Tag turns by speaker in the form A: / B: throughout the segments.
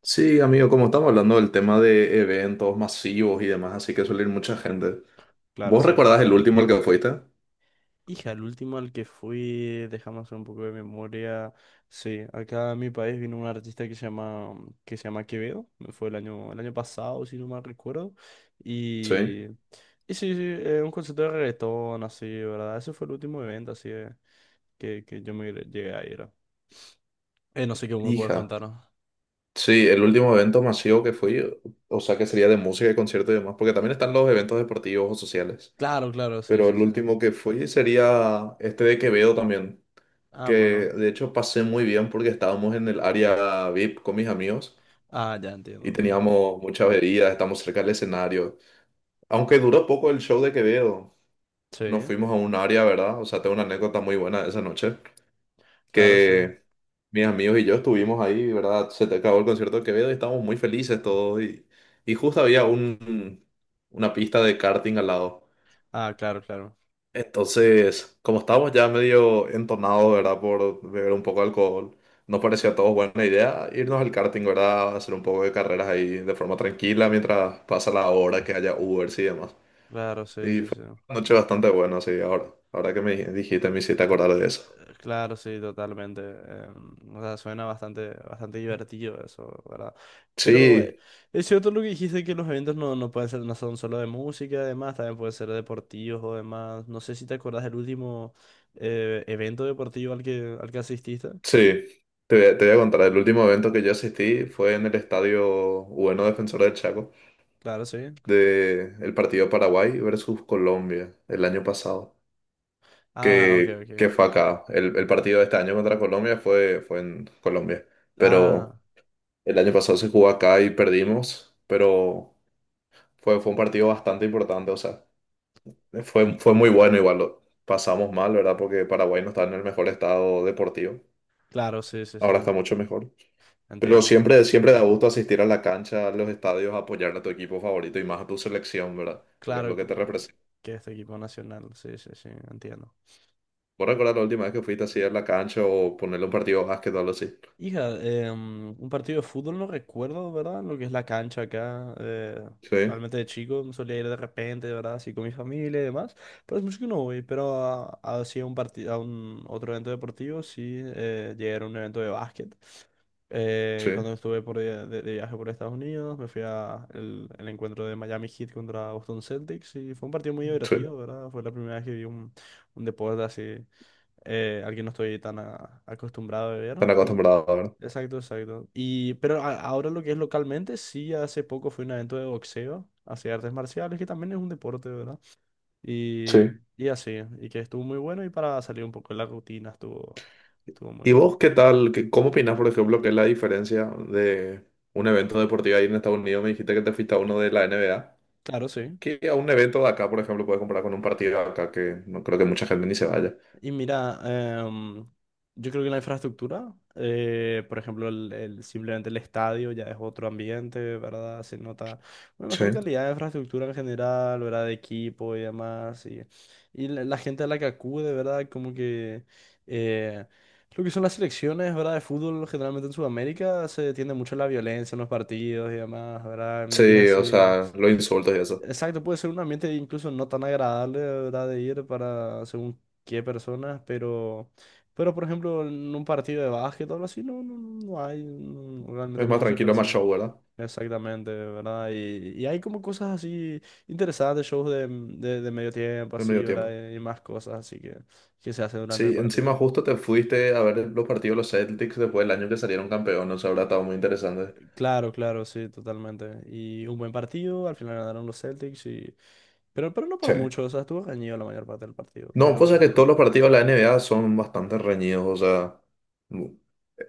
A: Sí, amigo, como estamos hablando del tema de eventos masivos y demás, así que suele ir mucha gente.
B: Claro,
A: ¿Vos
B: sí.
A: recordás el último al que fuiste?
B: Hija, el último al que fui, déjame hacer un poco de memoria. Sí, acá a mi país vino un artista que se llama Quevedo. Fue el año pasado, si no mal recuerdo.
A: Sí.
B: Y, y sí, sí, un concierto de reggaetón, así, ¿verdad? Ese fue el último evento, así, que yo me llegué a ir. No sé qué me puedes
A: Hija.
B: contar, ¿no?
A: Sí, el último evento masivo que fui, o sea, que sería de música y concierto y demás, porque también están los eventos deportivos o sociales.
B: Claro, claro, sí,
A: Pero
B: sí,
A: el
B: sí.
A: último que fui sería este de Quevedo también,
B: Ah,
A: que
B: bueno.
A: de hecho pasé muy bien porque estábamos en el área VIP con mis amigos
B: Ah, ya entiendo,
A: y
B: entiendo.
A: teníamos muchas bebidas, estamos cerca del escenario. Aunque duró poco el show de Quevedo,
B: Sí,
A: nos fuimos a un área, ¿verdad? O sea, tengo una anécdota muy buena de esa noche,
B: claro, sí.
A: que mis amigos y yo estuvimos ahí, ¿verdad? Se te acabó el concierto de Quevedo y estábamos muy felices todos y, y justo había una pista de karting al lado.
B: Ah, claro, claro.
A: Entonces, como estábamos ya medio entonados, ¿verdad? Por beber un poco de alcohol, nos parecía a todos buena idea irnos al karting, ¿verdad? Hacer un poco de carreras ahí de forma tranquila mientras pasa la hora, que haya Ubers y demás.
B: Claro, sí,
A: Y
B: sí,
A: fue
B: sí.
A: una noche bastante buena, sí, ahora que me dijiste, me hiciste acordar de eso.
B: Claro, sí, totalmente. O sea, suena bastante, bastante divertido eso, ¿verdad? Pero
A: Sí,
B: es cierto lo que dijiste que los eventos no pueden ser, no son solo de música, además, también pueden ser deportivos o demás. No sé si te acordás del último evento deportivo al que asististe.
A: sí, te voy a contar, el último evento que yo asistí fue en el estadio, bueno, Defensor del Chaco,
B: Claro, sí.
A: de el partido Paraguay versus Colombia, el año pasado,
B: Ah, ok,
A: que,
B: ok.
A: que fue acá. El partido de este año contra Colombia fue en Colombia,
B: Ah,
A: pero el año pasado se jugó acá y perdimos, pero fue un partido bastante importante, o sea. Fue muy bueno, igual lo pasamos mal, ¿verdad? Porque Paraguay no está en el mejor estado deportivo.
B: claro, sí, sí, sí.
A: Ahora está mucho mejor. Pero
B: Entiendo, entiendo.
A: siempre, siempre da gusto asistir a la cancha, a los estadios, a apoyar a tu equipo favorito y más a tu selección, ¿verdad? Porque es lo
B: Claro,
A: que te
B: con-
A: representa.
B: que este equipo nacional, sí, sí, sí, entiendo.
A: ¿Vos recordás la última vez que fuiste así a la cancha o ponerle un partido de básquet o algo así?
B: Hija, un partido de fútbol no recuerdo, ¿verdad? Lo que es la cancha acá.
A: Sí,
B: Realmente de chico solía ir de repente, ¿verdad? Así con mi familia y demás. Pero es mucho que no voy. Pero sí a un partido, a un otro evento deportivo, sí llegué a ir a un evento de básquet.
A: sí,
B: Cuando estuve de viaje por Estados Unidos, me fui a el encuentro de Miami Heat contra Boston Celtics y fue un partido muy
A: sí.
B: divertido, ¿verdad? Fue la primera vez que vi un deporte así al que no estoy tan acostumbrado a beber.
A: Están
B: Y,
A: acostumbrados, ¿verdad?
B: exacto, exacto. Y, pero ahora lo que es localmente, sí, hace poco fue un evento de boxeo hacia artes marciales, que también es un deporte, ¿verdad? Y,
A: Sí.
B: y así, y que estuvo muy bueno y para salir un poco de la rutina estuvo muy
A: ¿Y
B: bueno.
A: vos qué tal? ¿Cómo opinás, por ejemplo, que es la diferencia de un evento deportivo ahí en Estados Unidos? Me dijiste que te fuiste a uno de la NBA,
B: Claro, sí.
A: que a un evento de acá, por ejemplo, puedes comparar con un partido de acá que no creo que mucha gente ni se vaya.
B: Y mira, em, yo creo que la infraestructura, por ejemplo, simplemente el estadio ya es otro ambiente, ¿verdad? Se nota una
A: Sí.
B: mejor calidad de infraestructura en general, ¿verdad? De equipo y demás. Y la gente a la que acude, ¿verdad? Como que eh, lo que son las selecciones, ¿verdad? De fútbol, generalmente en Sudamérica se tiende mucho a la violencia en los partidos y demás, ¿verdad? Y es
A: Sí, o
B: así.
A: sea, los insultos y eso.
B: Exacto, puede ser un ambiente incluso no tan agradable, ¿verdad? De ir para según qué personas, pero por ejemplo, en un partido de básquet o algo así, no, no, no hay, realmente
A: Es
B: no,
A: más
B: no se
A: tranquilo, más
B: percibe.
A: show, ¿verdad?
B: Exactamente, ¿verdad? Y hay como cosas así interesantes, shows de medio tiempo,
A: En
B: así,
A: medio tiempo.
B: ¿verdad? Y más cosas así que se hacen durante el
A: Sí, encima
B: partido.
A: justo te fuiste a ver los partidos de los Celtics después del año que salieron campeones, o sea, habrá estado muy interesante.
B: Claro, claro, sí, totalmente. Y un buen partido, al final ganaron los Celtics y... pero no por
A: Sí.
B: mucho, o sea, estuvo reñido la mayor parte del partido,
A: No, pues es que
B: pero...
A: todos los partidos de la NBA son bastante reñidos, o sea, mu-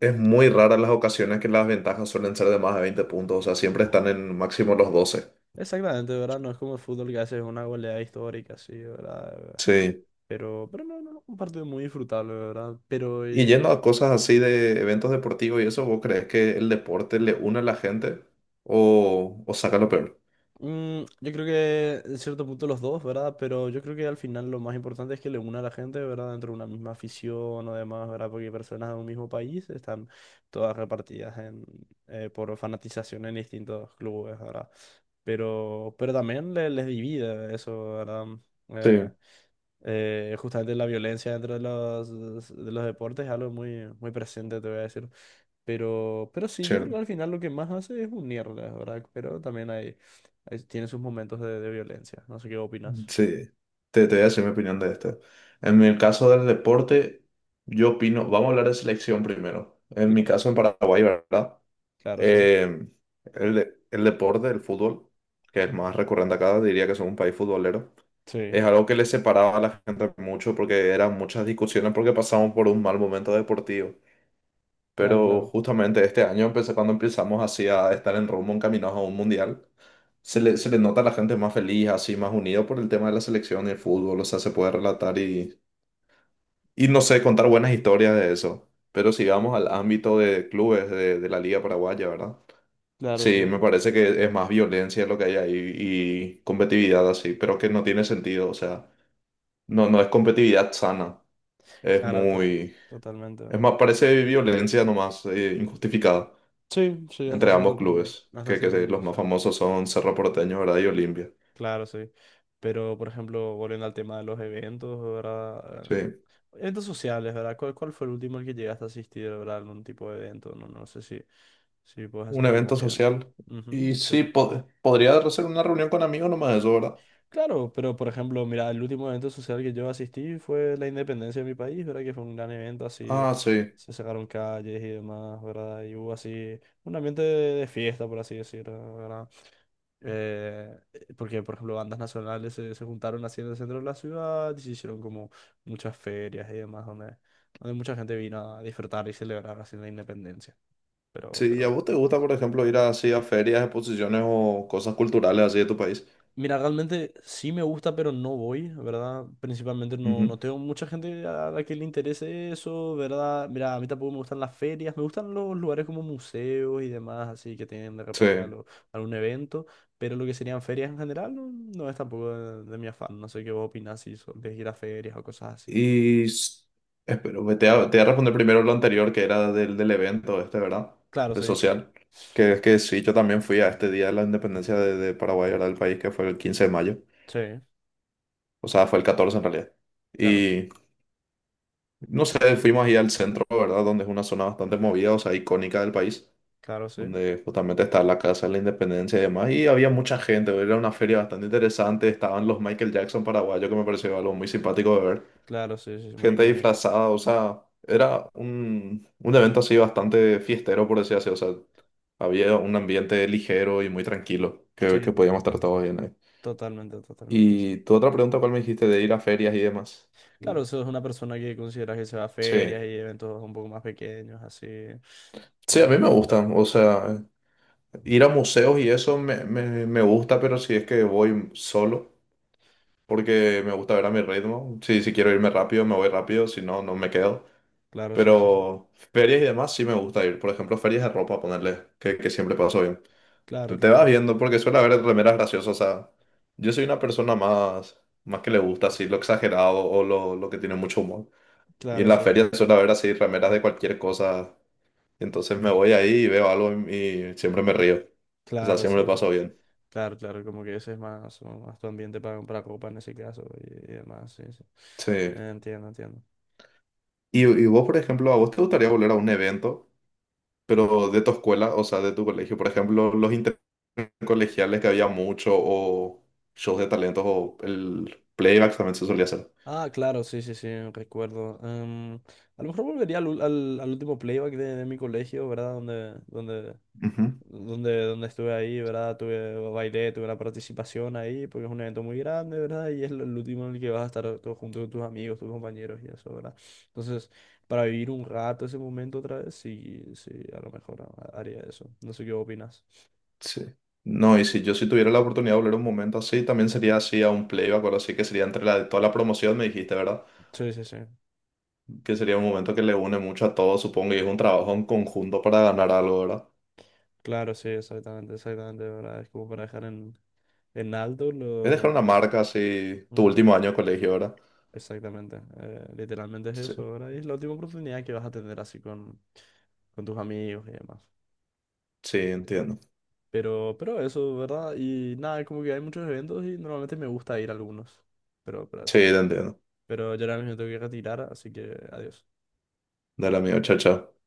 A: es muy rara las ocasiones que las ventajas suelen ser de más de 20 puntos, o sea, siempre están en máximo los 12.
B: Exactamente, ¿verdad? No es como el fútbol que hace una goleada histórica, sí, ¿verdad?
A: Sí.
B: Pero no, no, no, un partido muy disfrutable, ¿verdad? Pero
A: Y yendo a cosas así de eventos deportivos y eso, ¿vos crees que el deporte le une a la gente o saca lo peor?
B: yo creo que en cierto punto los dos, ¿verdad? Pero yo creo que al final lo más importante es que le una a la gente, ¿verdad? Dentro de una misma afición o demás, ¿verdad? Porque personas de un mismo país están todas repartidas en, por fanatización en distintos clubes, ¿verdad? Pero también les divide eso, ¿verdad?
A: Sí,
B: Eh, justamente la violencia dentro de los deportes es algo muy, muy presente, te voy a decir. Pero sí, yo creo que
A: cierto.
B: al final lo que más hace es unirlas, ¿verdad? Pero también hay, tiene sus momentos de violencia. No sé qué opinas.
A: Sí, te voy a decir mi opinión de esto. En el caso del deporte, yo opino, vamos a hablar de selección primero. En mi
B: Claro.
A: caso en Paraguay, ¿verdad?
B: Claro, sí.
A: Eh, el deporte, el fútbol, que es más recurrente acá, diría que somos un país futbolero, es
B: Sí,
A: algo que le separaba a la gente mucho porque eran muchas discusiones porque pasamos por un mal momento deportivo.
B: claro,
A: Pero
B: claro.
A: justamente este año, empecé, cuando empezamos así a estar en rumbo, encaminados a un mundial, se le nota a la gente más feliz, así, más unida por el tema de la selección y el fútbol. O sea, se puede relatar y, no sé, contar buenas historias de eso. Pero si vamos al ámbito de clubes de la Liga Paraguaya, ¿verdad?
B: Claro,
A: Sí,
B: sí.
A: me parece que es más violencia lo que hay ahí y competitividad así, pero que no tiene sentido. O sea, no es competitividad sana. Es
B: Claro, total,
A: muy...
B: totalmente.
A: Es más, parece violencia nomás, injustificada,
B: Sí, sí, hasta
A: entre
B: cierto
A: ambos
B: punto.
A: clubes,
B: Hasta
A: que
B: cierto punto,
A: los más
B: sí.
A: famosos son Cerro Porteño, ¿verdad? Y Olimpia.
B: Claro, sí. Pero, por ejemplo, volviendo al tema de los eventos, ¿verdad?
A: Sí,
B: Eventos sociales, ¿verdad? ¿Cuál fue el último al que llegaste a asistir, ¿verdad? Algún tipo de evento, no, no sé si, si puedes
A: un
B: hacer
A: evento
B: memoria.
A: social. Y
B: Ujú, sí.
A: sí, podría ser una reunión con amigos nomás eso, ¿verdad?
B: Claro, pero por ejemplo, mira, el último evento social que yo asistí fue la independencia de mi país, ¿verdad? Que fue un gran evento, así
A: Ah, sí.
B: se sacaron calles y demás, ¿verdad? Y hubo así un ambiente de fiesta, por así decirlo. Eh, Porque, por ejemplo, bandas nacionales se juntaron así en el centro de la ciudad y se hicieron como muchas ferias y demás, donde, donde mucha gente vino a disfrutar y celebrar así la independencia.
A: Sí, ¿y a
B: Pero,
A: vos te gusta, por ejemplo, ir así a ferias, exposiciones o cosas culturales así de tu país?
B: mira, realmente sí me gusta, pero no voy, ¿verdad? Principalmente no, no
A: Ujú.
B: tengo mucha gente a la que le interese eso, ¿verdad? Mira, a mí tampoco me gustan las ferias, me gustan los lugares como museos y demás, así que tienen de
A: Sí.
B: repente algo, algún evento, pero lo que serían ferias en general no, no es tampoco de, de mi afán, no sé qué vos opinás si sos de ir a ferias o cosas así.
A: Y s- Espero, te voy a responder primero lo anterior, que era del evento este, ¿verdad?
B: Claro,
A: De
B: sí,
A: social. Que es que sí, yo también fui a este día de la independencia de Paraguay, ¿verdad? Del país, que fue el 15 de mayo.
B: sí,
A: O sea, fue el 14 en realidad.
B: claro,
A: Y no sé, fuimos ahí al centro, ¿verdad? Donde es una zona bastante movida, o sea, icónica del país,
B: claro, sí,
A: donde justamente está la Casa de la Independencia y demás. Y había mucha gente, era una feria bastante interesante. Estaban los Michael Jackson paraguayos, que me pareció algo muy simpático de ver.
B: claro, sí, sí, es muy
A: Gente
B: icónico.
A: disfrazada, o sea, era un evento así bastante fiestero, por decir así. O sea, había un ambiente ligero y muy tranquilo,
B: Sí,
A: que podíamos estar todos bien ahí.
B: totalmente, totalmente, sí.
A: Y tu otra pregunta, ¿cuál me dijiste de ir a ferias y demás?
B: Claro, eso es una persona que consideras que se va a
A: Sí.
B: ferias y eventos un poco más pequeños, así.
A: Sí, a mí
B: Y-
A: me gustan, o sea, ir a museos y eso me gusta, pero si es que voy solo, porque me gusta ver a mi ritmo. Si quiero irme rápido, me voy rápido, si no, no me quedo.
B: claro, sí, sí, sí.
A: Pero ferias y demás sí me gusta ir. Por ejemplo, ferias de ropa, ponerle, que siempre paso bien.
B: Claro,
A: Te vas
B: claro.
A: viendo, porque suele haber remeras graciosas. O sea, yo soy una persona más que le gusta así lo exagerado o lo que tiene mucho humor. Y en
B: Claro,
A: las
B: sí.
A: ferias suele haber así remeras de cualquier cosa, entonces me voy ahí y veo algo y siempre me río. O sea,
B: Claro,
A: siempre lo
B: sí, sí.
A: paso bien.
B: Claro, claro, como que ese es más, o más tu ambiente para copa en ese caso y demás, sí, sí.
A: Sí.
B: Entiendo, entiendo.
A: Y vos, por ejemplo, ¿a vos te gustaría volver a un evento, pero de tu escuela, o sea, de tu colegio? Por ejemplo, los intercolegiales que había mucho, o shows de talentos, o el playback también se solía hacer.
B: Ah, claro, sí, sí, sí, recuerdo. A lo mejor volvería al último playback de mi colegio, ¿verdad?
A: Ujú.
B: Donde estuve ahí, ¿verdad? Tuve, bailé, tuve una participación ahí, porque es un evento muy grande, ¿verdad? Y es el último en el que vas a estar todo junto con tus amigos, tus compañeros y eso, ¿verdad? Entonces, para vivir un rato ese momento otra vez, sí, sí, a lo mejor haría eso. No sé qué opinas.
A: Sí. No, y si yo si tuviera la oportunidad de volver un momento así, también sería así a un playback o algo así, que sería entre la de toda la promoción, me dijiste, ¿verdad?
B: Sí, sí, sí.
A: Que sería un momento que le une mucho a todos, supongo, y es un trabajo en conjunto para ganar algo, ¿verdad?
B: Claro, sí, exactamente, exactamente, ¿verdad? Es como para dejar en alto
A: Es
B: lo,
A: dejar una
B: tu-
A: marca así, tu
B: Ujú,
A: último año de colegio, ¿verdad?
B: exactamente. Literalmente es
A: Sí,
B: eso, ¿verdad? Y es la última oportunidad que vas a tener así con tus amigos y demás.
A: sí, entiendo.
B: Pero eso, ¿verdad? Y nada, como que hay muchos eventos y normalmente me gusta ir a algunos. Pero
A: Sí,
B: eso.
A: te entiendo.
B: Pero yo ahora mismo tengo que retirar, así que adiós.
A: Dale, amigo, chao, chao.